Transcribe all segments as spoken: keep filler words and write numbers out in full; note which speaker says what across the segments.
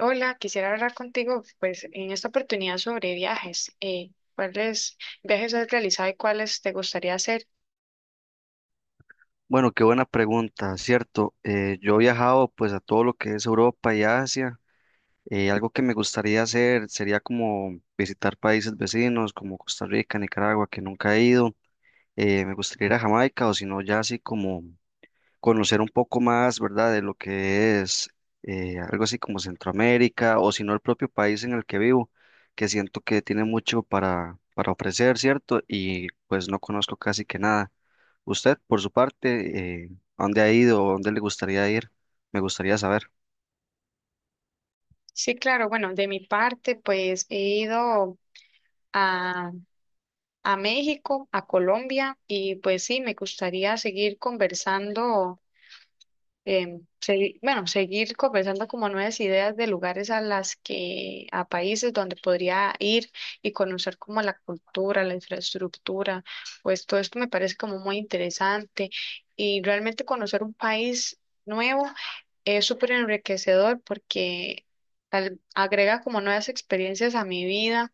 Speaker 1: Hola, quisiera hablar contigo, pues, en esta oportunidad sobre viajes. Eh, ¿cuáles viajes has realizado y cuáles te gustaría hacer?
Speaker 2: Bueno, qué buena pregunta, cierto. Eh, yo he viajado pues a todo lo que es Europa y Asia. Eh, algo que me gustaría hacer sería como visitar países vecinos como Costa Rica, Nicaragua, que nunca he ido. Eh, me gustaría ir a Jamaica o si no ya así como conocer un poco más, ¿verdad? De lo que es eh, algo así como Centroamérica o si no el propio país en el que vivo, que siento que tiene mucho para, para ofrecer, ¿cierto? Y pues no conozco casi que nada. Usted, por su parte, eh, ¿a ¿dónde ha ido o dónde le gustaría ir? Me gustaría saber.
Speaker 1: Sí, claro, bueno, de mi parte, pues, he ido a, a México, a Colombia, y pues sí, me gustaría seguir conversando em, segui- bueno, seguir conversando como nuevas ideas de lugares a las que, a países donde podría ir y conocer como la cultura, la infraestructura, pues todo esto me parece como muy interesante y realmente conocer un país nuevo es súper enriquecedor porque al- agrega como nuevas experiencias a mi vida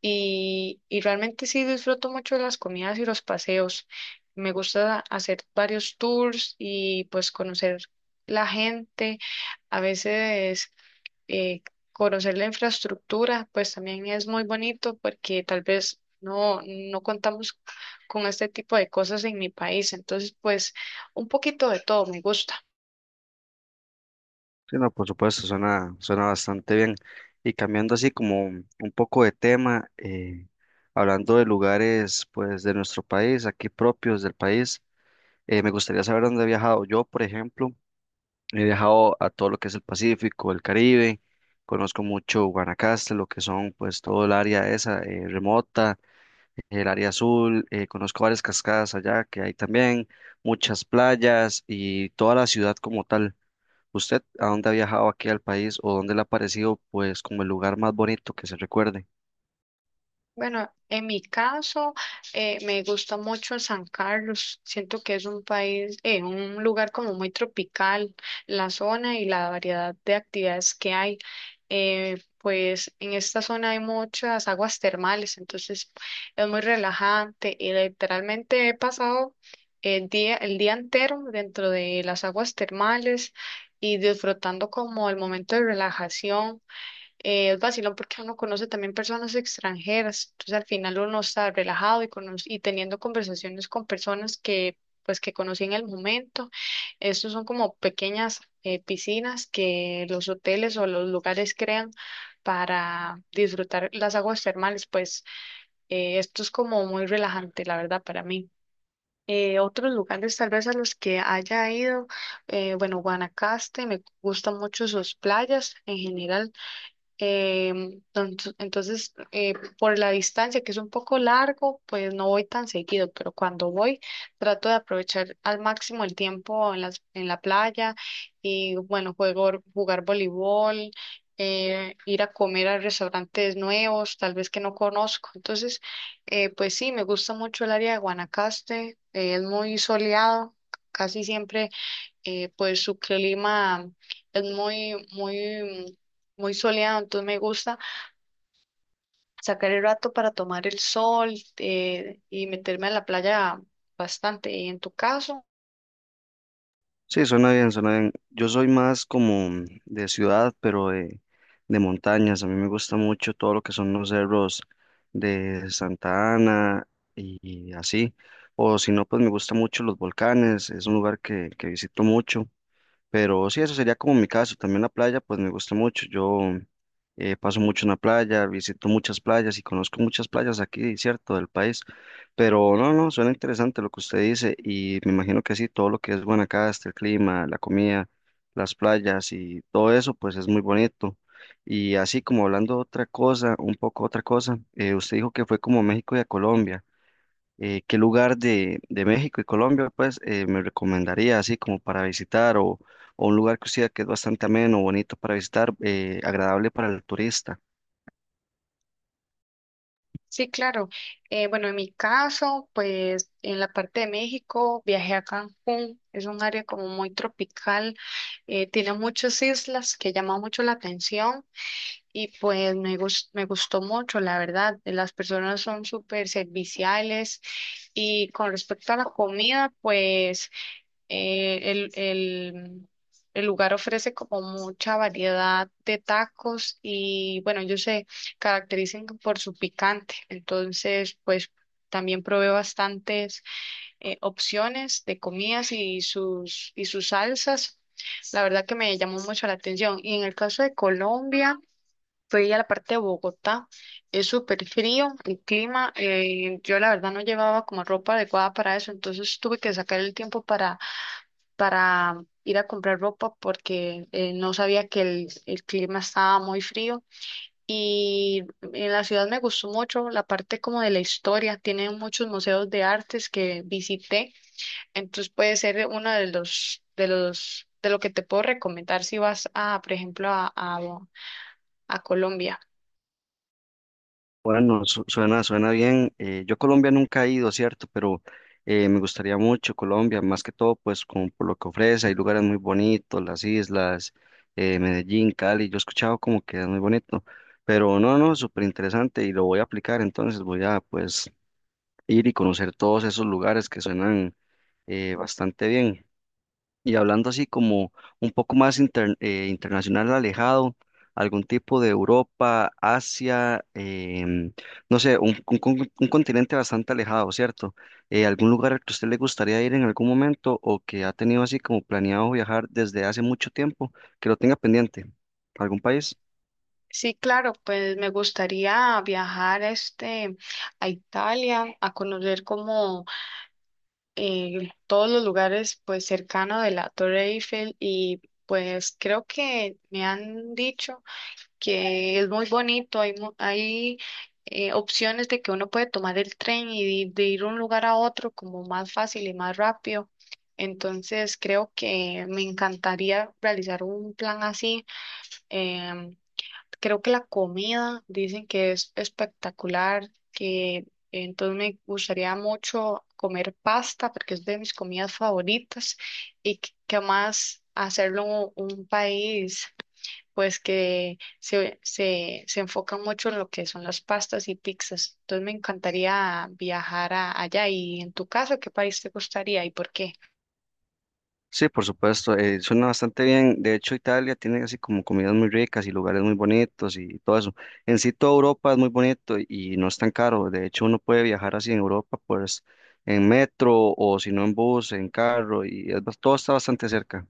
Speaker 1: y, y realmente sí disfruto mucho de las comidas y los paseos. Me gusta hacer varios tours y pues conocer la gente. A veces eh, conocer la infraestructura pues también es muy bonito porque tal vez no, no contamos con este tipo de cosas en mi país. Entonces pues un poquito de todo me gusta.
Speaker 2: Sí, no, por supuesto, suena, suena bastante bien. Y cambiando así como un un poco de tema, eh, hablando de lugares pues de nuestro país, aquí propios del país, eh, me gustaría saber dónde he viajado. Yo, por ejemplo, he viajado a todo lo que es el Pacífico, el Caribe, conozco mucho Guanacaste, lo que son pues todo el área esa eh, remota, el área azul, eh, conozco varias cascadas allá que hay también, muchas playas y toda la ciudad como tal. ¿Usted a dónde ha viajado aquí al país o dónde le ha parecido pues como el lugar más bonito que se recuerde?
Speaker 1: Bueno, en mi caso, eh, me gusta mucho San Carlos. Siento que es un país, eh, un lugar como muy tropical, la zona y la variedad de actividades que hay. Eh, pues en esta zona hay muchas aguas termales, entonces es muy relajante y literalmente he pasado el día, el día entero dentro de las aguas termales y disfrutando como el momento de relajación, eh, es vacilón porque uno conoce también personas extranjeras, entonces al final uno está relajado y, cono- y teniendo conversaciones con personas que pues que conocí en el momento. Estos son como pequeñas eh, piscinas que los hoteles o los lugares crean para disfrutar las aguas termales, pues eh, esto es como muy relajante, la verdad, para mí. Eh, otros lugares tal vez a los que haya ido, eh, bueno, Guanacaste, me gustan mucho sus playas en general. Em, entonces, entonces, eh, por la distancia, que es un poco largo, pues no voy tan seguido, pero cuando voy trato de aprovechar al máximo el tiempo en las, en la playa y bueno, juego, jugar voleibol, eh, ir a comer a restaurantes nuevos, tal vez que no conozco. Entonces, eh, pues sí, me gusta mucho el área de Guanacaste, eh, es muy soleado, casi siempre, eh, pues su clima es muy, muy, muy soleado, entonces me gusta sacar el rato para tomar el sol, eh, y meterme a la playa bastante. ¿Y en tu caso?
Speaker 2: Sí, suena bien, suena bien. Yo soy más como de ciudad, pero de, de montañas. A mí me gusta mucho todo lo que son los cerros de Santa Ana y, y así. O si no, pues me gusta mucho los volcanes. Es un lugar que, que visito mucho. Pero sí, eso sería como mi caso. También la playa, pues me gusta mucho. Yo eh, paso mucho en la playa, visito muchas playas y conozco muchas playas aquí, cierto, del país. Pero no, no, suena interesante lo que usted dice y me imagino que sí, todo lo que es Guanacaste, el clima, la comida, las playas y todo eso, pues es muy bonito. Y así como hablando otra cosa, un poco otra cosa, eh, usted dijo que fue como a México y a Colombia, eh, ¿qué lugar de, de México y Colombia, pues, eh, me recomendaría así como para visitar o, o un lugar que usted que es bastante ameno, bonito para visitar, eh, agradable para el turista?
Speaker 1: Sí, claro. Eh, bueno, en mi caso, pues en la parte de México viajé a Cancún, es un área como muy tropical, eh, tiene muchas islas que llaman mucho la atención. Y pues me gus- me gustó mucho, la verdad. Las personas son súper serviciales y con respecto a la comida, pues eh, el, el, el lugar ofrece como mucha variedad de tacos y bueno, ellos se caracterizan por su picante. Entonces, pues también probé bastantes eh, opciones de comidas y sus, y sus salsas. La verdad que me llamó mucho la atención. Y en el caso de Colombia, fui a la parte de Bogotá, es súper frío el clima, eh, yo la verdad no llevaba como ropa adecuada para eso, entonces tuve que sacar el tiempo para, para ir a comprar ropa porque eh, no sabía que el, el clima estaba muy frío y en la ciudad me gustó mucho la parte como de la historia, tiene muchos museos de artes que visité, entonces puede ser uno de los, de los, de lo que te puedo recomendar si vas a, por ejemplo, a, a a Colombia.
Speaker 2: Bueno, su- suena, suena bien. Eh, yo a Colombia nunca he ido, ¿cierto? Pero eh, me gustaría mucho Colombia, más que todo, pues, como por lo que ofrece. Hay lugares muy bonitos, las islas, eh, Medellín, Cali. Yo he escuchado como que es muy bonito. Pero no, no, súper interesante y lo voy a aplicar, entonces voy a, pues, ir y conocer todos esos lugares que suenan eh, bastante bien. Y hablando así como un poco más inter- eh, internacional, alejado, algún tipo de Europa, Asia, em, no sé, un, un con- un continente bastante alejado, ¿cierto? Eh, ¿algún lugar al que a usted le gustaría ir en algún momento o que ha tenido así como planeado viajar desde hace mucho tiempo, que lo tenga pendiente? ¿Algún país?
Speaker 1: Sí, claro, pues me gustaría viajar este a Italia a conocer como eh, todos los lugares pues cercanos de la Torre Eiffel y pues creo que me han dicho que es muy bonito, hay mu- hay eh, opciones de que uno puede tomar el tren y de, de ir de un lugar a otro como más fácil y más rápido. Entonces creo que me encantaría realizar un plan así. em, Creo que la comida dicen que es espectacular, que entonces me gustaría mucho comer pasta porque es de mis comidas favoritas y que, que más hacerlo un país pues que se, se, se enfoca mucho en lo que son las pastas y pizzas. Entonces me encantaría viajar a- allá. Y en tu caso, ¿qué país te gustaría y por qué?
Speaker 2: Sí, por supuesto, eh, suena bastante bien. De hecho, Italia tiene así como comidas muy ricas y lugares muy bonitos y todo eso. En sí, toda Europa es muy bonito y no es tan caro. De hecho, uno puede viajar así en Europa, pues en metro o si no en bus, en carro y es bas- todo está bastante cerca.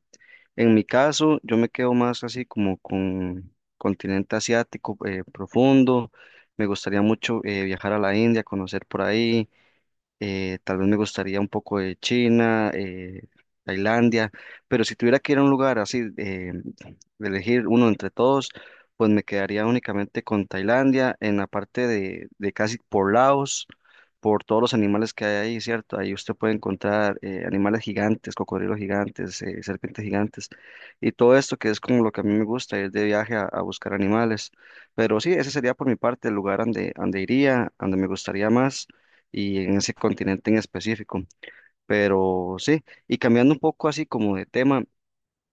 Speaker 2: En mi caso, yo me quedo más así como con continente asiático eh, profundo. Me gustaría mucho eh, viajar a la India, conocer por ahí, eh, tal vez me gustaría un poco de China, eh, Tailandia, pero si tuviera que ir a un lugar así, eh, de elegir uno entre todos, pues me quedaría únicamente con Tailandia, en la parte de, de casi por Laos, por todos los animales que hay ahí, ¿cierto? Ahí usted puede encontrar eh, animales gigantes, cocodrilos gigantes, eh, serpientes gigantes, y todo esto que es como lo que a mí me gusta, ir de viaje a, a buscar animales. Pero sí, ese sería por mi parte el lugar donde, donde iría, donde me gustaría más y en ese continente en específico. Pero sí, y cambiando un poco así como de tema,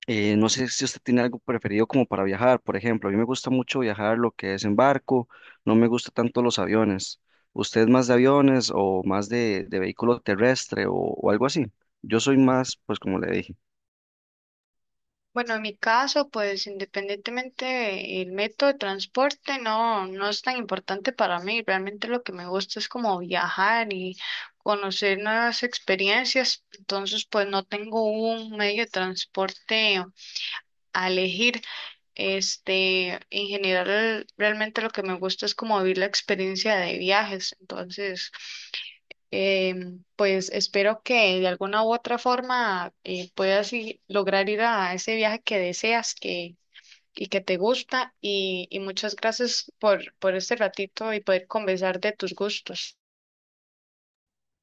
Speaker 2: eh, no sé si usted tiene algo preferido como para viajar, por ejemplo, a mí me gusta mucho viajar lo que es en barco, no me gusta tanto los aviones. ¿Usted es más de aviones o más de, de vehículo terrestre o, o algo así? Yo soy más, pues como le dije.
Speaker 1: Bueno, en mi caso, pues independientemente del método de transporte, no, no es tan importante para mí. Realmente lo que me gusta es como viajar y conocer nuevas experiencias. Entonces, pues no tengo un medio de transporte a elegir. Este, en general, realmente lo que me gusta es como vivir la experiencia de viajes. Entonces, Em, pues espero que de alguna u otra forma, eh, puedas i- lograr ir a ese viaje que deseas, que, y que te gusta, y, y muchas gracias por, por este ratito y poder conversar de tus gustos.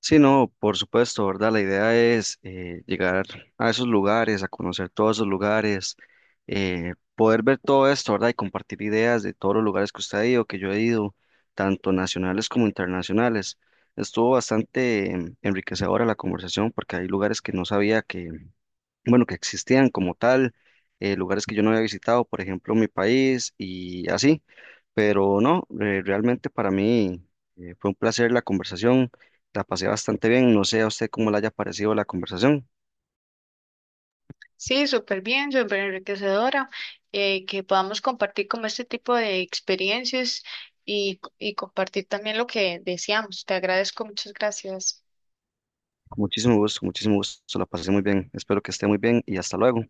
Speaker 2: Sí, no, por supuesto, ¿verdad? La idea es eh, llegar a esos lugares, a conocer todos esos lugares, eh, poder ver todo esto, ¿verdad? Y compartir ideas de todos los lugares que usted ha ido, que yo he ido, tanto nacionales como internacionales. Estuvo bastante em, enriquecedora la conversación porque hay lugares que no sabía que, bueno, que existían como tal, eh, lugares que yo no había visitado, por ejemplo, mi país y así, pero no, eh, realmente para mí eh, fue un placer la conversación, la pasé bastante bien, no sé a usted cómo le haya parecido la conversación.
Speaker 1: Sí, súper bien, súper enriquecedora, eh, que podamos compartir como este tipo de experiencias y, y compartir también lo que deseamos. Te agradezco, muchas gracias.
Speaker 2: Con muchísimo gusto, muchísimo gusto, la pasé muy bien, espero que esté muy bien y hasta luego.